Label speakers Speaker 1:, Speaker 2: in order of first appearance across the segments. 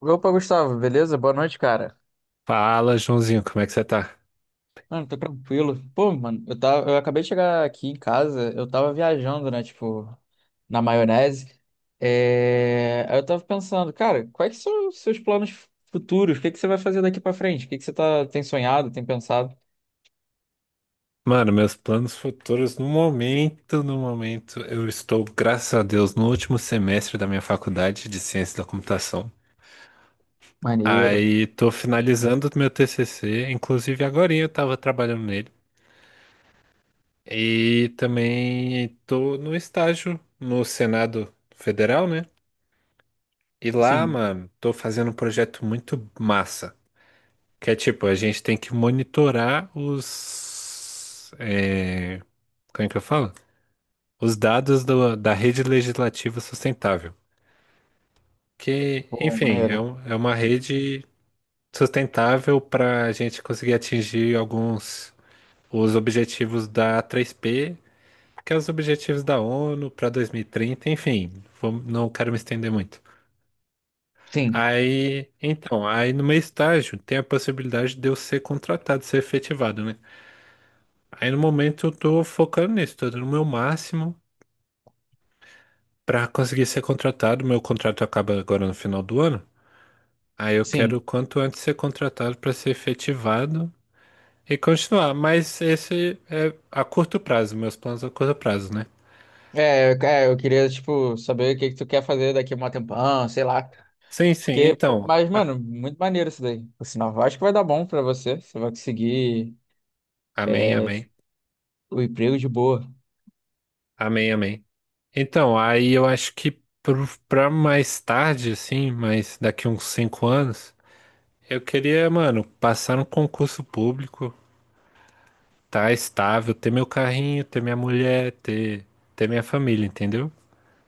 Speaker 1: Opa, Gustavo, beleza? Boa noite, cara.
Speaker 2: Fala, Joãozinho, como é que você tá?
Speaker 1: Mano, tô tranquilo. Pô, mano, eu acabei de chegar aqui em casa, eu tava viajando, né, tipo, na maionese. Aí eu tava pensando, cara, quais que são os seus planos futuros? O que que você vai fazer daqui pra frente? O que que tem sonhado, tem pensado?
Speaker 2: Mano, meus planos futuros no momento, eu estou, graças a Deus, no último semestre da minha faculdade de Ciência da Computação.
Speaker 1: Maneiro.
Speaker 2: Aí tô finalizando o meu TCC, inclusive agorinha eu tava trabalhando nele. E também tô no estágio no Senado Federal, né? E lá,
Speaker 1: Sim.
Speaker 2: mano, tô fazendo um projeto muito massa, que é tipo, a gente tem que monitorar os... Como é que eu falo? Os dados da Rede Legislativa Sustentável, que,
Speaker 1: Pô,
Speaker 2: enfim, é,
Speaker 1: maneiro.
Speaker 2: é uma rede sustentável para a gente conseguir atingir alguns os objetivos da 3P, que é os objetivos da ONU para 2030, enfim, não quero me estender muito.
Speaker 1: Sim,
Speaker 2: Aí, então, aí no meu estágio tem a possibilidade de eu ser contratado, ser efetivado, né? Aí no momento eu tô focando nisso, tô dando o meu máximo para conseguir ser contratado. Meu contrato acaba agora no final do ano. Aí eu quero o
Speaker 1: sim.
Speaker 2: quanto antes ser contratado para ser efetivado e continuar. Mas esse é a curto prazo, meus planos a curto prazo, né?
Speaker 1: Eu queria, tipo, saber o que que tu quer fazer daqui a um tempão, sei lá.
Speaker 2: Sim, sim.
Speaker 1: Porque, pô,
Speaker 2: Então,
Speaker 1: mas, mano, muito maneiro isso daí. Por sinal, eu acho que vai dar bom pra você. Você vai conseguir
Speaker 2: amém,
Speaker 1: é,
Speaker 2: amém,
Speaker 1: o emprego de boa.
Speaker 2: amém, amém. Então, aí eu acho que pra mais tarde, assim, mas daqui uns cinco anos, eu queria, mano, passar no concurso público, tá estável, ter meu carrinho, ter minha mulher, ter minha família, entendeu?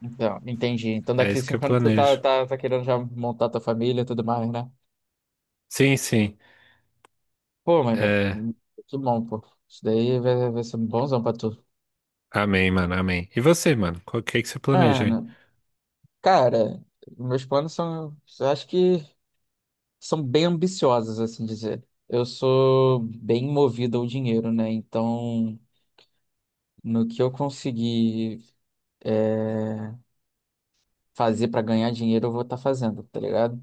Speaker 1: Então, entendi. Então,
Speaker 2: É
Speaker 1: daqui a
Speaker 2: isso que eu
Speaker 1: 5 anos tu tá,
Speaker 2: planejo.
Speaker 1: tá, tá querendo já montar tua família e tudo mais, né?
Speaker 2: Sim, sim.
Speaker 1: Pô, mano,
Speaker 2: É.
Speaker 1: que bom, pô. Isso daí vai ser um bonzão pra tu.
Speaker 2: Amém, mano, amém. E você, mano? Qual que é que você planeja aí?
Speaker 1: Mano, cara, meus planos são, eu acho que são bem ambiciosos, assim dizer. Eu sou bem movido ao dinheiro, né? Então, no que eu conseguir é, fazer para ganhar dinheiro, eu vou estar fazendo, tá ligado?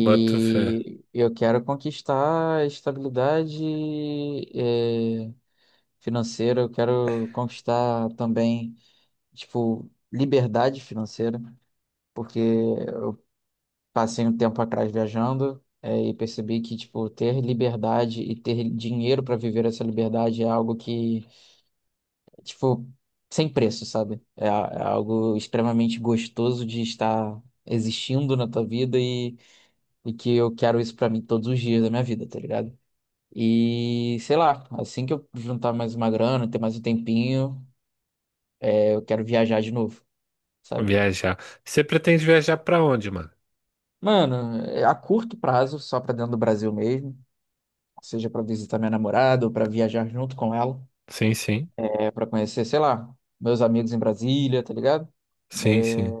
Speaker 2: Bota fé.
Speaker 1: eu quero conquistar estabilidade, eh, financeira, eu quero conquistar também, tipo, liberdade financeira, porque eu passei um tempo atrás viajando. E percebi que, tipo, ter liberdade e ter dinheiro para viver essa liberdade é algo que, tipo, sem preço, sabe? É algo extremamente gostoso de estar existindo na tua vida. E que eu quero isso pra mim todos os dias da minha vida, tá ligado? E sei lá, assim que eu juntar mais uma grana, ter mais um tempinho, eu quero viajar de novo, sabe?
Speaker 2: Viajar. Você pretende viajar pra onde, mano?
Speaker 1: Mano, é a curto prazo, só pra dentro do Brasil mesmo, seja pra visitar minha namorada ou pra viajar junto com ela,
Speaker 2: Sim, sim.
Speaker 1: é para conhecer, sei lá, meus amigos em Brasília, tá ligado?
Speaker 2: Sim,
Speaker 1: É,
Speaker 2: sim.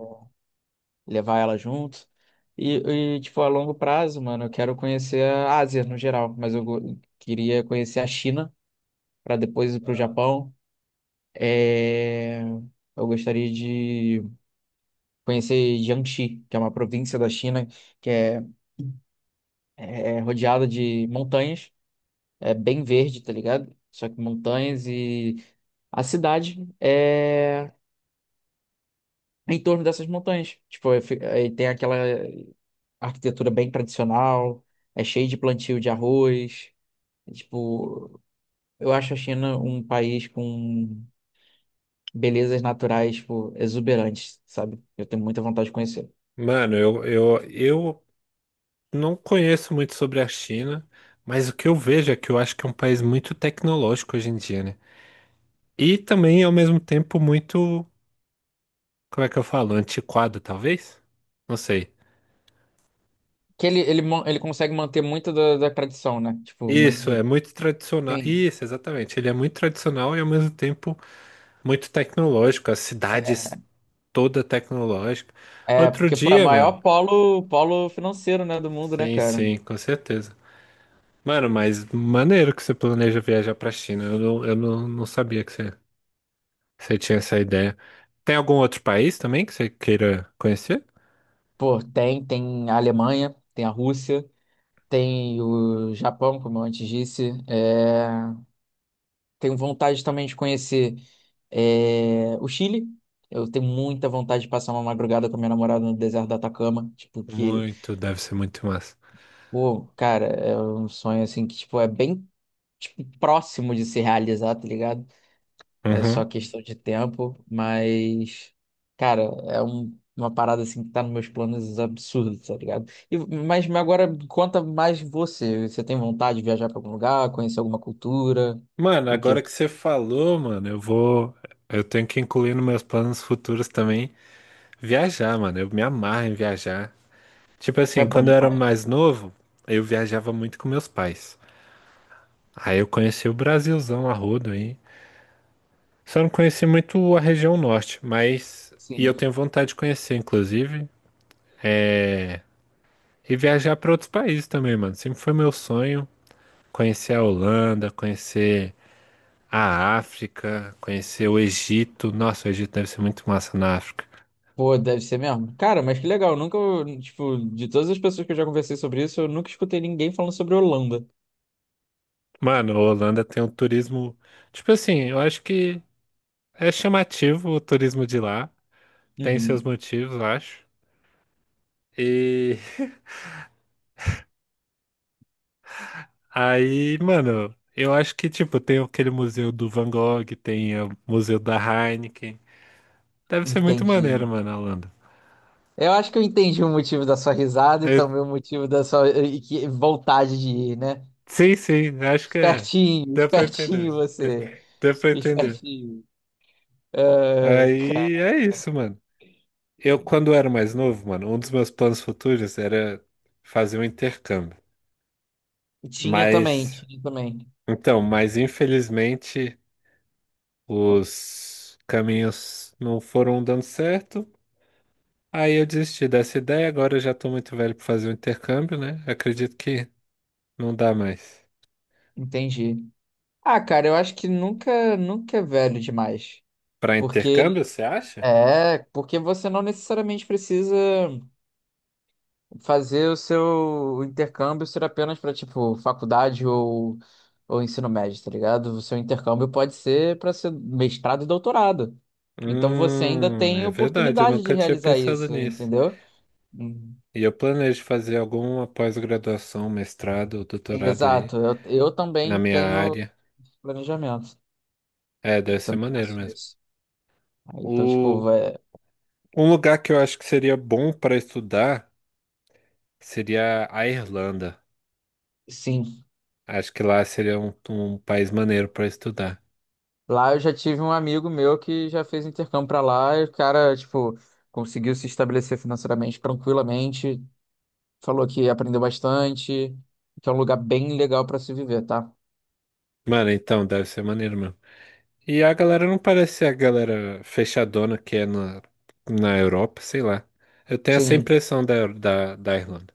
Speaker 1: levar ela junto. E, e, tipo, a longo prazo, mano, eu quero conhecer a Ásia no geral, mas queria conhecer a China pra depois ir pro Japão. É, Eu gostaria de conhecer Jiangxi, que é uma província da China que é rodeada de montanhas, é bem verde, tá ligado? Só que montanhas e a cidade é em torno dessas montanhas. Tipo, aí tem aquela arquitetura bem tradicional, é cheio de plantio de arroz. Tipo, eu acho a China um país com belezas naturais, tipo, exuberantes, sabe? Eu tenho muita vontade de conhecer.
Speaker 2: Mano, eu não conheço muito sobre a China, mas o que eu vejo é que eu acho que é um país muito tecnológico hoje em dia, né? E também, ao mesmo tempo, muito, como é que eu falo? Antiquado, talvez? Não sei.
Speaker 1: Que ele consegue manter muito da tradição, né? Tipo,
Speaker 2: Isso, é
Speaker 1: muito.
Speaker 2: muito tradicional.
Speaker 1: Sim.
Speaker 2: Isso, exatamente. Ele é muito tradicional e, ao mesmo tempo, muito tecnológico. As cidades
Speaker 1: É,
Speaker 2: toda tecnológica.
Speaker 1: é,
Speaker 2: Outro
Speaker 1: porque, pô, é o
Speaker 2: dia, mano.
Speaker 1: maior polo financeiro, né, do mundo, né,
Speaker 2: Sim,
Speaker 1: cara?
Speaker 2: sim, com certeza. Mano, mas maneiro que você planeja viajar pra China. Eu não, não sabia que você tinha essa ideia. Tem algum outro país também que você queira conhecer?
Speaker 1: Pô, tem a Alemanha, tem a Rússia, tem o Japão, como eu antes disse. Tenho vontade também de conhecer o Chile. Eu tenho muita vontade de passar uma madrugada com a minha namorada no deserto do Atacama. Tipo, que,
Speaker 2: Muito, deve ser muito massa.
Speaker 1: pô, cara, é um sonho assim que, tipo, é bem tipo, próximo de se realizar, tá ligado? É só
Speaker 2: Uhum.
Speaker 1: questão de tempo, mas, cara, uma parada assim que tá nos meus planos absurdos, tá ligado? Mas agora conta mais você. Você tem vontade de viajar pra algum lugar, conhecer alguma cultura?
Speaker 2: Mano,
Speaker 1: O
Speaker 2: agora
Speaker 1: quê?
Speaker 2: que você falou, mano, eu vou. Eu tenho que incluir nos meus planos futuros também viajar, mano. Eu me amarro em viajar. Tipo
Speaker 1: Pô, é
Speaker 2: assim,
Speaker 1: bom
Speaker 2: quando eu era
Speaker 1: demais,
Speaker 2: mais novo, eu viajava muito com meus pais. Aí eu conheci o Brasilzão a rodo aí. Só não conheci muito a região norte, mas. E eu
Speaker 1: sim.
Speaker 2: tenho vontade de conhecer, inclusive. É... E viajar para outros países também, mano. Sempre foi meu sonho conhecer a Holanda, conhecer a África, conhecer o Egito. Nossa, o Egito deve ser muito massa na África.
Speaker 1: Pô, deve ser mesmo. Cara, mas que legal. Nunca, tipo, de todas as pessoas que eu já conversei sobre isso, eu nunca escutei ninguém falando sobre Holanda.
Speaker 2: Mano, a Holanda tem um turismo. Tipo assim, eu acho que é chamativo o turismo de lá. Tem seus
Speaker 1: Uhum.
Speaker 2: motivos, eu acho. E Aí, mano, eu acho que, tipo, tem aquele museu do Van Gogh, tem o museu da Heineken. Deve ser muito maneiro,
Speaker 1: Entendi.
Speaker 2: mano, a Holanda.
Speaker 1: Eu acho que eu entendi o motivo da sua risada e
Speaker 2: É,
Speaker 1: também o motivo da sua vontade de ir, né?
Speaker 2: sim, sim, acho que é.
Speaker 1: Espertinho,
Speaker 2: Dá pra
Speaker 1: espertinho
Speaker 2: entender.
Speaker 1: você.
Speaker 2: Dá pra entender.
Speaker 1: Espertinho. Ah,
Speaker 2: Aí
Speaker 1: cara.
Speaker 2: é isso, mano. Eu, quando era mais novo, mano, um dos meus planos futuros era fazer um intercâmbio.
Speaker 1: Tinha também,
Speaker 2: Mas,
Speaker 1: tinha também.
Speaker 2: mas infelizmente os caminhos não foram dando certo. Aí eu desisti dessa ideia, agora eu já tô muito velho para fazer o intercâmbio, né? Acredito que não dá mais.
Speaker 1: Entendi. Ah, cara, eu acho que nunca, nunca é velho demais.
Speaker 2: Para
Speaker 1: Porque
Speaker 2: intercâmbio, você acha?
Speaker 1: porque você não necessariamente precisa fazer o seu intercâmbio ser apenas para tipo faculdade ou ensino médio, tá ligado? O seu intercâmbio pode ser para ser mestrado e doutorado. Então você ainda tem
Speaker 2: É verdade, eu
Speaker 1: oportunidade de
Speaker 2: nunca tinha
Speaker 1: realizar
Speaker 2: pensado
Speaker 1: isso,
Speaker 2: nisso.
Speaker 1: entendeu? Hum.
Speaker 2: E eu planejo fazer alguma pós-graduação, mestrado ou doutorado aí
Speaker 1: Exato, eu
Speaker 2: na
Speaker 1: também
Speaker 2: minha
Speaker 1: tenho
Speaker 2: área.
Speaker 1: planejamento,
Speaker 2: É,
Speaker 1: eu
Speaker 2: deve ser
Speaker 1: também
Speaker 2: maneiro
Speaker 1: faço
Speaker 2: mesmo.
Speaker 1: isso. Aí, então, tipo,
Speaker 2: O, Um lugar que eu acho que seria bom para estudar seria a Irlanda.
Speaker 1: sim,
Speaker 2: Acho que lá seria um país maneiro para estudar.
Speaker 1: lá eu já tive um amigo meu que já fez intercâmbio pra lá e o cara, tipo, conseguiu se estabelecer financeiramente tranquilamente, falou que aprendeu bastante, que é um lugar bem legal pra se viver, tá?
Speaker 2: Mano, então, deve ser maneiro mesmo. E a galera não parece ser a galera fechadona que é na Europa, sei lá. Eu tenho essa
Speaker 1: Sim,
Speaker 2: impressão da Irlanda.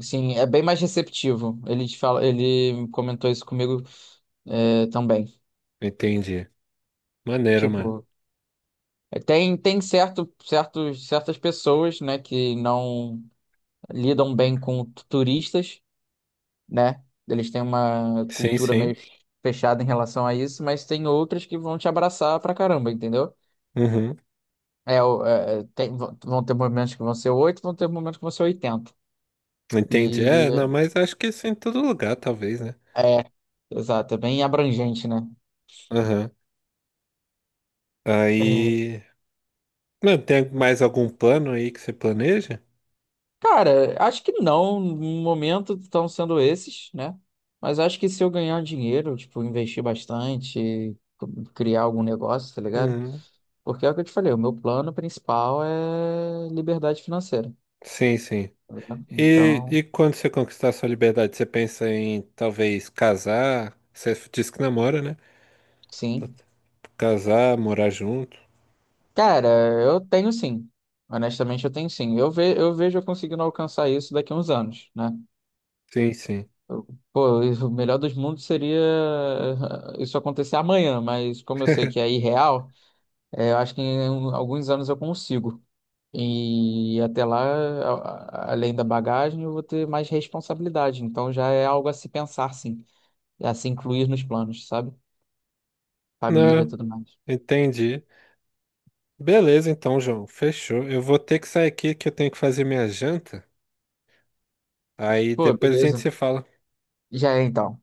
Speaker 1: sim, é bem mais receptivo. Ele comentou isso comigo, também.
Speaker 2: Entendi. Maneiro, mano.
Speaker 1: Tipo, tem certas pessoas, né, que não lidam bem com turistas, né? Eles têm uma
Speaker 2: Sim,
Speaker 1: cultura meio
Speaker 2: sim.
Speaker 1: fechada em relação a isso, mas tem outras que vão te abraçar pra caramba, entendeu?
Speaker 2: Uhum.
Speaker 1: Vão ter momentos que vão ser 8, vão ter momentos que vão ser oitenta.
Speaker 2: Entendi.
Speaker 1: E
Speaker 2: É, não, mas acho que isso é em todo lugar, talvez, né?
Speaker 1: é, exato, é bem abrangente, né?
Speaker 2: Aham.
Speaker 1: É,
Speaker 2: Aí. Mano, tem mais algum plano aí que você planeja?
Speaker 1: cara, acho que não, no momento estão sendo esses, né? Mas acho que se eu ganhar dinheiro, tipo, investir bastante, criar algum negócio, tá ligado?
Speaker 2: Uhum.
Speaker 1: Porque é o que eu te falei, o meu plano principal é liberdade financeira,
Speaker 2: Sim, sim.
Speaker 1: né?
Speaker 2: E,
Speaker 1: Então,
Speaker 2: e quando você conquistar sua liberdade, você pensa em talvez casar? Você disse que namora, né?
Speaker 1: sim.
Speaker 2: Casar, morar junto.
Speaker 1: Cara, eu tenho sim. Honestamente, eu tenho sim. Eu vejo eu conseguindo alcançar isso daqui a uns anos, né?
Speaker 2: Sim, sim.
Speaker 1: Eu- Pô, o melhor dos mundos seria isso acontecer amanhã, mas como eu sei que é irreal, eu acho que alguns anos eu consigo. E até lá, além da bagagem, eu vou ter mais responsabilidade. Então já é algo a se pensar, sim. A se incluir nos planos, sabe? Família,
Speaker 2: Não,
Speaker 1: tudo mais.
Speaker 2: entendi. Beleza, então, João. Fechou. Eu vou ter que sair aqui que eu tenho que fazer minha janta. Aí
Speaker 1: Pô,
Speaker 2: depois a gente
Speaker 1: beleza.
Speaker 2: se fala.
Speaker 1: Já é então.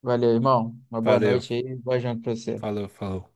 Speaker 1: Valeu, irmão. Uma boa
Speaker 2: Valeu.
Speaker 1: noite aí, boa janta pra você.
Speaker 2: Falou, falou.